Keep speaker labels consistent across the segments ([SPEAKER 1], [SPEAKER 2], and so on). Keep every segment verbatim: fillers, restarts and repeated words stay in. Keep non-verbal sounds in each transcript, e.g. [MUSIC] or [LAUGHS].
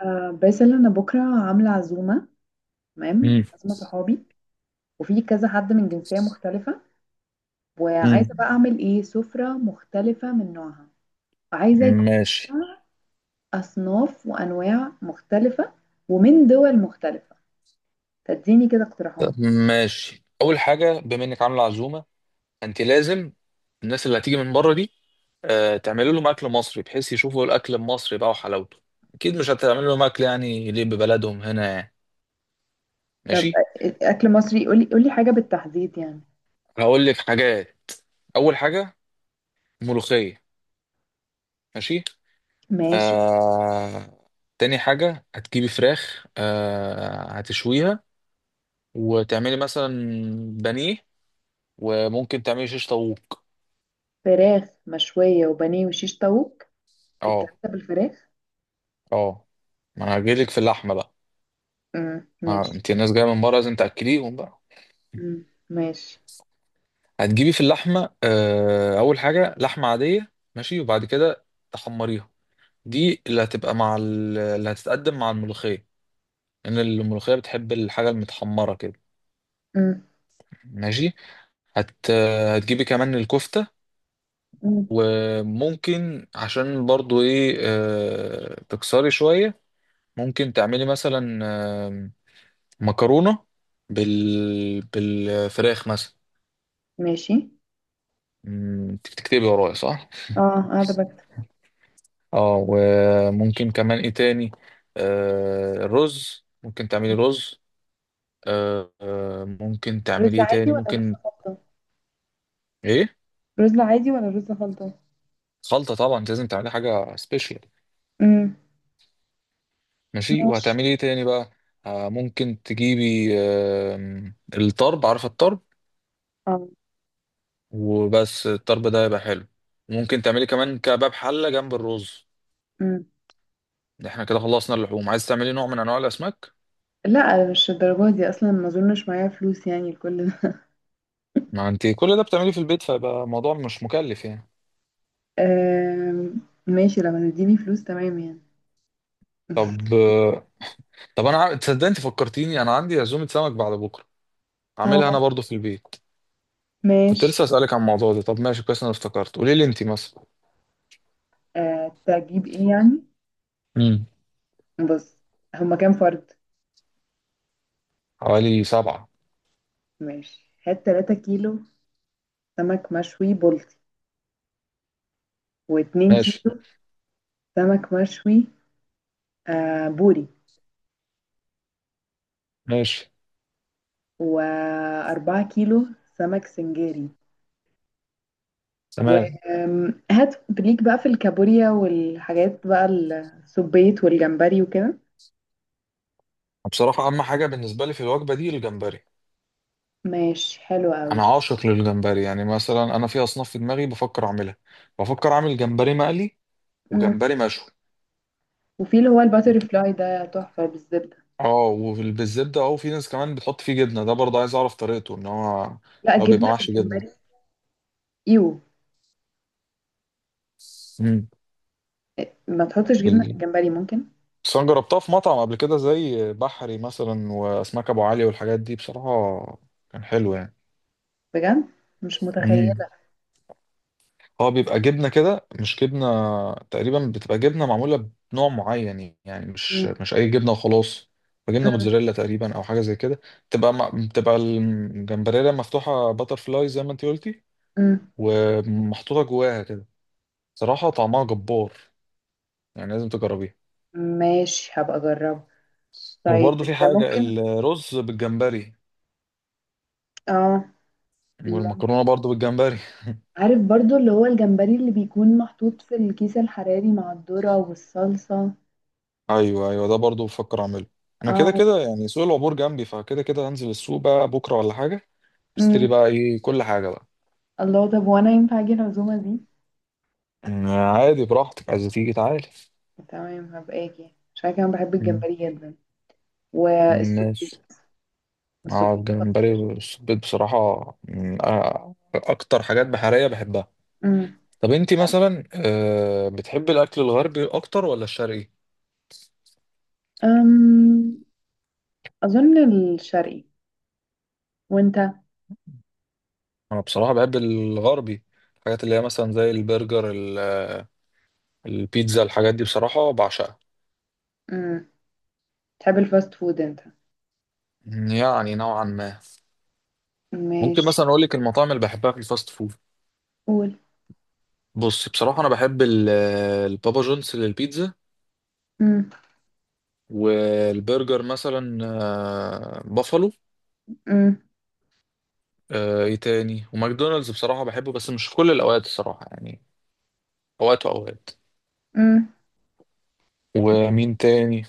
[SPEAKER 1] آه، باسل انا بكره عامله عزومه. تمام،
[SPEAKER 2] امم.
[SPEAKER 1] عزومه صحابي، وفي كذا حد من جنسيه مختلفه،
[SPEAKER 2] امم.
[SPEAKER 1] وعايزه بقى اعمل ايه سفره مختلفه من نوعها، وعايزه يكون
[SPEAKER 2] ماشي.
[SPEAKER 1] فيها اصناف وانواع مختلفه ومن دول مختلفه. تديني كده اقتراحات؟
[SPEAKER 2] طب، ماشي. اول حاجه، بما انك عامله عزومه انت لازم الناس اللي هتيجي من بره دي آه، تعملي لهم اكل مصري، بحيث يشوفوا الاكل المصري بقى وحلاوته. اكيد مش هتعمل لهم اكل يعني ليه ببلدهم هنا يعني.
[SPEAKER 1] طب
[SPEAKER 2] ماشي.
[SPEAKER 1] أ- اكل مصري، قولي قولي حاجه بالتحديد يعني.
[SPEAKER 2] هقول لك حاجات. اول حاجه، ملوخيه. ماشي.
[SPEAKER 1] ماشي.
[SPEAKER 2] آه... تاني حاجه، هتجيبي فراخ آه... هتشويها، وتعملي مثلا بانيه، وممكن تعملي شيش طاووق.
[SPEAKER 1] فراخ مشويه وبانيه وشيش طاووق؟
[SPEAKER 2] اه.
[SPEAKER 1] التلاته بالفراخ؟
[SPEAKER 2] اه، ما انا هجيلك في اللحمه بقى.
[SPEAKER 1] امم،
[SPEAKER 2] ما
[SPEAKER 1] ماشي.
[SPEAKER 2] انت الناس جايه من بره لازم تاكليهم بقى.
[SPEAKER 1] امم، ماشي.
[SPEAKER 2] هتجيبي في اللحمه آه، اول حاجه لحمه عاديه ماشي، وبعد كده تحمريها. دي اللي هتبقى مع ال- اللي هتتقدم مع الملوخيه، لان الملوخيه بتحب الحاجه المتحمره كده.
[SPEAKER 1] امم،
[SPEAKER 2] ماشي. هت آه، هتجيبي كمان الكفته. وممكن عشان برضو ايه آه، تكسري شويه. ممكن تعملي مثلا آه، مكرونه بال... بالفراخ مثلا.
[SPEAKER 1] ماشي.
[SPEAKER 2] مم، تكتبي ورايا صح؟
[SPEAKER 1] اه، قاعده بكتب.
[SPEAKER 2] اه. وممكن كمان ايه تاني؟ آه الرز، ممكن تعملي رز. آه آه، ممكن تعملي
[SPEAKER 1] رز
[SPEAKER 2] ايه
[SPEAKER 1] عادي
[SPEAKER 2] تاني
[SPEAKER 1] ولا رز
[SPEAKER 2] ممكن؟
[SPEAKER 1] خلطة؟
[SPEAKER 2] ايه؟
[SPEAKER 1] رز عادي ولا رز خلطة؟
[SPEAKER 2] خلطة، طبعا انت لازم تعملي حاجة سبيشال.
[SPEAKER 1] امم،
[SPEAKER 2] ماشي،
[SPEAKER 1] ماشي.
[SPEAKER 2] وهتعملي ايه تاني بقى؟ آه ممكن تجيبي آه الطرب، عارفة الطرب؟
[SPEAKER 1] اه.
[SPEAKER 2] وبس الطرب ده يبقى حلو. ممكن تعملي كمان كباب حلة جنب الرز.
[SPEAKER 1] امم.
[SPEAKER 2] احنا كده خلصنا اللحوم، عايز تعملي نوع من انواع الاسماك.
[SPEAKER 1] لا، مش الدرجة دي اصلا، ما اظنش معايا فلوس يعني لكل ده.
[SPEAKER 2] ما انت كل ده بتعمليه في البيت فيبقى الموضوع مش مكلف يعني.
[SPEAKER 1] آم، ماشي، لما تديني فلوس تمام يعني.
[SPEAKER 2] طب طب، انا عا- تصدق انت فكرتيني؟ انا عندي عزومه سمك بعد بكره، عاملها
[SPEAKER 1] اه،
[SPEAKER 2] انا برضو في البيت. كنت
[SPEAKER 1] ماشي.
[SPEAKER 2] لسه اسالك عن الموضوع ده. طب ماشي، كويس انا افتكرت. قولي لي انت مثلا.
[SPEAKER 1] آه تجيب ايه يعني؟
[SPEAKER 2] امم.
[SPEAKER 1] بص، هما كام فرد؟
[SPEAKER 2] حوالي سبعة.
[SPEAKER 1] ماشي، هات 3 كيلو سمك مشوي بلطي، و2
[SPEAKER 2] ماشي.
[SPEAKER 1] كيلو سمك مشوي آه بوري،
[SPEAKER 2] ماشي.
[SPEAKER 1] واربعة كيلو سمك سنجاري.
[SPEAKER 2] تمام.
[SPEAKER 1] وهات ليك بقى في الكابوريا والحاجات بقى، السبيت والجمبري وكده.
[SPEAKER 2] بصراحه اهم حاجه بالنسبه لي في الوجبه دي الجمبري.
[SPEAKER 1] ماشي، حلو قوي.
[SPEAKER 2] انا عاشق للجمبري. يعني مثلا انا في اصناف في دماغي بفكر اعملها. بفكر اعمل جمبري مقلي،
[SPEAKER 1] مم.
[SPEAKER 2] وجمبري مشوي.
[SPEAKER 1] وفي اللي هو الباتر فلاي ده تحفة بالزبدة.
[SPEAKER 2] اه، وبالزبده. اه وفي ناس كمان بتحط فيه جبنه، ده برضه عايز اعرف طريقته ان هو
[SPEAKER 1] لا،
[SPEAKER 2] لو بيبقى
[SPEAKER 1] جبنة في
[SPEAKER 2] محشي جبنه.
[SPEAKER 1] الجمبري؟ ايوه. ما تحطش جبنة في
[SPEAKER 2] امم
[SPEAKER 1] الجمبري ممكن.
[SPEAKER 2] بس انا جربتها في مطعم قبل كده، زي بحري مثلا واسماك ابو علي والحاجات دي، بصراحه كان حلو يعني.
[SPEAKER 1] بجد؟ مش
[SPEAKER 2] امم
[SPEAKER 1] متخيلة.
[SPEAKER 2] هو بيبقى جبنه كده مش جبنه. تقريبا بتبقى جبنه معموله بنوع معين يعني، مش
[SPEAKER 1] مم.
[SPEAKER 2] مش اي جبنه وخلاص. بتبقى جبنه
[SPEAKER 1] مم.
[SPEAKER 2] موتزاريلا تقريبا، او حاجه زي كده. بتبقى م- بتبقى الجمبريلا مفتوحه باتر فلاي زي ما انت قلتي،
[SPEAKER 1] مم.
[SPEAKER 2] ومحطوطه جواها كده. صراحه طعمها جبار، يعني لازم تجربيها.
[SPEAKER 1] ماشي، هبقى اجربه. طيب
[SPEAKER 2] وبرضه في
[SPEAKER 1] انت
[SPEAKER 2] حاجه
[SPEAKER 1] ممكن.
[SPEAKER 2] الرز بالجمبري،
[SPEAKER 1] اه، ممكن.
[SPEAKER 2] والمكرونه برضه بالجمبري. [LAUGHS]
[SPEAKER 1] عارف برضو اللي هو الجمبري اللي بيكون محطوط في الكيس الحراري مع الذرة والصلصة.
[SPEAKER 2] ايوه، ايوه، ده برضو بفكر اعمله. انا كده
[SPEAKER 1] اه.
[SPEAKER 2] كده يعني، سوق العبور جنبي، فكده كده هنزل السوق بقى بكره ولا حاجه، اشتري
[SPEAKER 1] مم.
[SPEAKER 2] بقى ايه كل حاجه بقى.
[SPEAKER 1] الله، طب وانا ينفع اجي العزومه دي؟
[SPEAKER 2] أمم، عادي براحتك، عايز تيجي تعالى.
[SPEAKER 1] تمام، هبقى اجي عشان كمان بحب
[SPEAKER 2] أمم.
[SPEAKER 1] الجمبري جدا، والسبيت.
[SPEAKER 2] ماشي. اه،
[SPEAKER 1] السبيت
[SPEAKER 2] الجمبري
[SPEAKER 1] خطير.
[SPEAKER 2] والسبيط بصراحه أمم، آه، اكتر حاجات بحريه بحبها.
[SPEAKER 1] امم.
[SPEAKER 2] طب انتي مثلا آه، بتحبي الاكل الغربي اكتر ولا الشرقي؟
[SPEAKER 1] أم... اظن الشرقي. وانت؟
[SPEAKER 2] انا بصراحه بحب الغربي. الحاجات اللي هي مثلا زي البرجر ال- البيتزا، الحاجات دي بصراحه بعشقها.
[SPEAKER 1] امم. تحب الفاست فود انت؟
[SPEAKER 2] يعني نوعا ما. ممكن
[SPEAKER 1] ماشي.
[SPEAKER 2] مثلا اقول لك المطاعم اللي بحبها في الفاست فود.
[SPEAKER 1] قول.
[SPEAKER 2] بص بصراحه انا بحب ال- البابا جونز للبيتزا.
[SPEAKER 1] امم.
[SPEAKER 2] والبرجر مثلا آه، بافالو.
[SPEAKER 1] امم.
[SPEAKER 2] آه، ايه تاني؟ وماكدونالدز بصراحه بحبه، بس مش في كل الاوقات الصراحه يعني، اوقات واوقات.
[SPEAKER 1] امم.
[SPEAKER 2] ومين تاني؟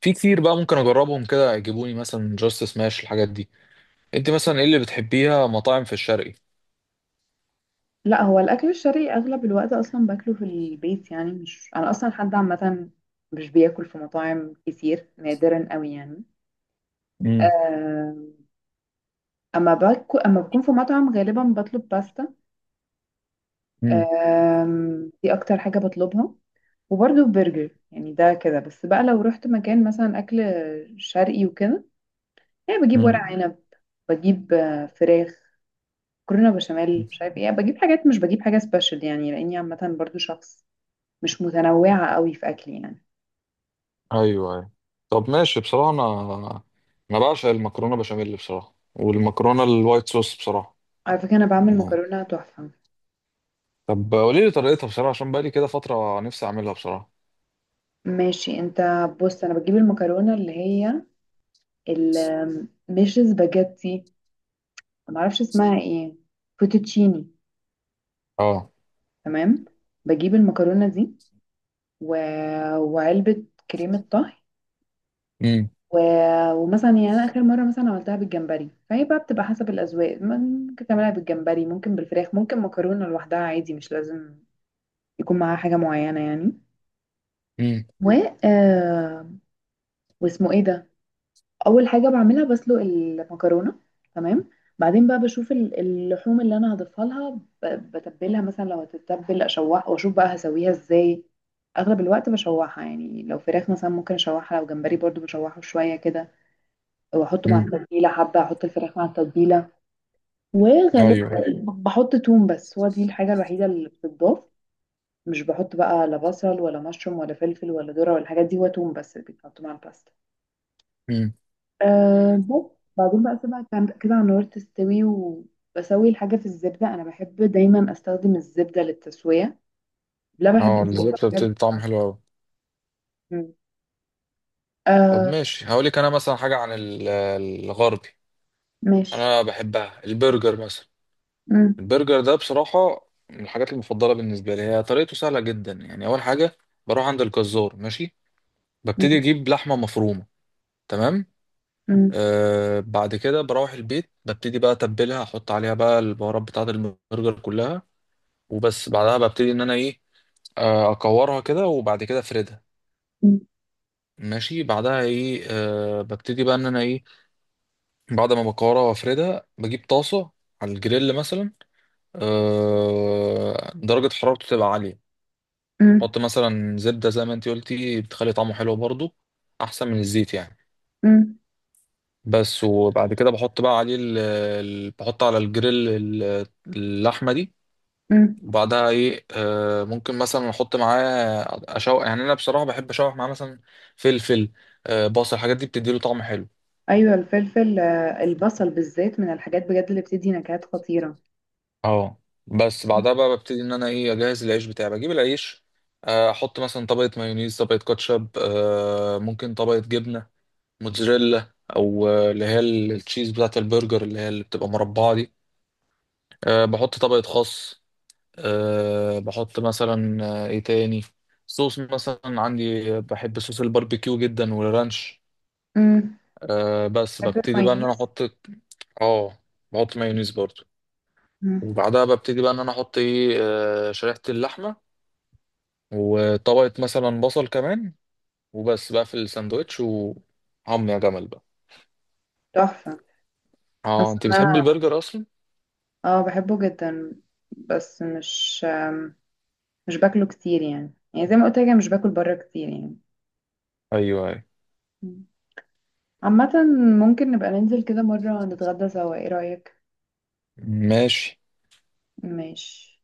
[SPEAKER 2] في كتير بقى ممكن اجربهم، كده يجيبوني مثلا جاست سماش، الحاجات دي. انت مثلا ايه اللي بتحبيها مطاعم في الشرقي؟
[SPEAKER 1] لا، هو الاكل الشرقي اغلب الوقت اصلا باكله في البيت يعني. مش انا اصلا حد عامه، مش بياكل في مطاعم كتير، نادرا قوي يعني.
[SPEAKER 2] امم.
[SPEAKER 1] أه... اما باكل اما بكون في مطعم غالبا بطلب باستا. آم، دي اكتر حاجة بطلبها. وبرضو برجر، يعني ده كده بس بقى. لو رحت مكان مثلا اكل شرقي وكده، يعني بجيب ورق
[SPEAKER 2] امم.
[SPEAKER 1] عنب، بجيب آه، فراخ، مكرونة بشاميل، مش عارف ايه، بجيب حاجات، مش بجيب حاجة سبيشال يعني، لاني عامة برضو شخص مش متنوعة قوي في اكلي يعني.
[SPEAKER 2] ايوه. ايوه. طب ماشي، بصراحه انا انا بعشق المكرونه بشاميل بصراحه، والمكرونه الوايت صوص بصراحه
[SPEAKER 1] على فكرة، انا بعمل
[SPEAKER 2] يعني.
[SPEAKER 1] مكرونة تحفة.
[SPEAKER 2] طب قولي لي طريقتها بصراحه، عشان بقالي كده فتره نفسي اعملها بصراحه.
[SPEAKER 1] ماشي. انت بص، انا بجيب المكرونة اللي هي ال- آم، مش سباجيتي، معرفش اسمها ايه، فوتوتشيني.
[SPEAKER 2] اه.
[SPEAKER 1] تمام. بجيب المكرونة دي و... وعلبة كريمة طهي
[SPEAKER 2] امم.
[SPEAKER 1] و... ومثلا، يعني أنا آخر مرة مثلا عملتها بالجمبري، فهي بقى بتبقى حسب الأذواق، ممكن تعملها بالجمبري، ممكن بالفراخ، ممكن مكرونة لوحدها عادي، مش لازم يكون معاها حاجة معينة يعني.
[SPEAKER 2] امم.
[SPEAKER 1] و آه... واسمه ايه ده؟ اول حاجه بعملها بسلق المكرونه، تمام. بعدين بقى بشوف ال- اللحوم اللي انا هضيفها لها، ب- بتبلها مثلا لو هتتبل، اشوحها واشوف بقى هسويها ازاي. اغلب الوقت بشوحها يعني. لو فراخ مثلا ممكن اشوحها، لو جمبري برضو بشوحه شويه كده واحطه مع
[SPEAKER 2] امم.
[SPEAKER 1] التتبيله حبه، احط الفراخ مع التتبيله. وغالبا
[SPEAKER 2] ايوه.
[SPEAKER 1] ب- بحط توم بس، هو دي الحاجه الوحيده اللي بتتضاف. مش بحط بقى لا بصل ولا مشروم ولا فلفل ولا ذره ولا الحاجات دي، هو توم بس اللي بيتحط مع الباستا.
[SPEAKER 2] امم.
[SPEAKER 1] أه بس بعدين بقى اسيبها كان- كده على النار تستوي، وبسوي الحاجة في الزبدة. انا بحب دايما استخدم الزبدة للتسوية. لا، بحب
[SPEAKER 2] اه،
[SPEAKER 1] الزبدة،
[SPEAKER 2] الزبده
[SPEAKER 1] بحب.
[SPEAKER 2] بتدي طعم حلو قوي.
[SPEAKER 1] مم.
[SPEAKER 2] طب
[SPEAKER 1] أه،
[SPEAKER 2] ماشي هقول لك انا مثلا حاجه عن ال- الغربي.
[SPEAKER 1] ماشي.
[SPEAKER 2] انا بحبها البرجر مثلا.
[SPEAKER 1] مم.
[SPEAKER 2] البرجر ده بصراحه من الحاجات المفضله بالنسبه لي، هي طريقته سهله جدا يعني. اول حاجه بروح عند الجزار، ماشي. ببتدي
[SPEAKER 1] مم.
[SPEAKER 2] اجيب لحمه مفرومه. تمام.
[SPEAKER 1] مم.
[SPEAKER 2] آه بعد كده بروح البيت، ببتدي بقى اتبلها، احط عليها بقى البهارات بتاعه البرجر كلها. وبس بعدها ببتدي ان انا ايه، آه اكورها كده، وبعد كده افردها.
[SPEAKER 1] مم.
[SPEAKER 2] ماشي بعدها ايه، آه ببتدي بقى ان انا ايه، بعد ما بكورها وافردها بجيب طاسه، على الجريل مثلا، آه درجه حرارته تبقى عاليه.
[SPEAKER 1] مم.
[SPEAKER 2] احط مثلا زبده زي ما انت قلتي، بتخلي طعمه حلو برضو، احسن من الزيت يعني.
[SPEAKER 1] مم.
[SPEAKER 2] بس وبعد كده بحط بقى عليه ال... ال- بحط على الجريل ال- اللحمة دي.
[SPEAKER 1] مم.
[SPEAKER 2] وبعدها ايه، آه ممكن مثلا احط معاه، اشوح يعني. انا بصراحة بحب اشوح معاه مثلا فلفل، آه بصل، الحاجات دي بتديله طعم حلو.
[SPEAKER 1] ايوه، الفلفل، آه، البصل بالذات من الحاجات بجد اللي بتدي نكهات خطيرة.
[SPEAKER 2] اه بس
[SPEAKER 1] مم.
[SPEAKER 2] بعدها بقى ببتدي ان انا ايه، اجهز العيش بتاعي، بجيب العيش. آه، احط مثلا طبقة مايونيز، طبقة كاتشب، آه ممكن طبقة جبنة موتزاريلا، او آه، اللي هي ال- التشيز بتاعة البرجر، اللي هي اللي بتبقى مربعة دي. آه، بحط طبقة خس. أه بحط مثلا آه، ايه تاني؟ صوص مثلا عندي، آه، بحب صوص الباربيكيو جدا والرانش.
[SPEAKER 1] مم.
[SPEAKER 2] أه بس
[SPEAKER 1] بحب
[SPEAKER 2] ببتدي بقى ان انا
[SPEAKER 1] المايونيز.
[SPEAKER 2] احط. اه، بحط مايونيز برضو.
[SPEAKER 1] مم.
[SPEAKER 2] وبعدها ببتدي بقى ان انا احط ايه، آه، شريحة اللحمة، وطبقة مثلا بصل كمان. وبس بقى في الساندوتش، وعم يا جمل بقى.
[SPEAKER 1] تحفة.
[SPEAKER 2] اه،
[SPEAKER 1] حاسة
[SPEAKER 2] انت
[SPEAKER 1] ان
[SPEAKER 2] بتحب
[SPEAKER 1] انا،
[SPEAKER 2] البرجر اصلا؟
[SPEAKER 1] اه، بحبه جدا. بس مش مش باكله كتير يعني يعني زي ما قلت لك، أنا مش باكل بره كتير يعني.
[SPEAKER 2] ايوه. ايوه.
[SPEAKER 1] مم. عامة، ممكن نبقى ننزل كده مرة نتغدى سوا، ايه رأيك؟
[SPEAKER 2] ماشي.
[SPEAKER 1] ماشي.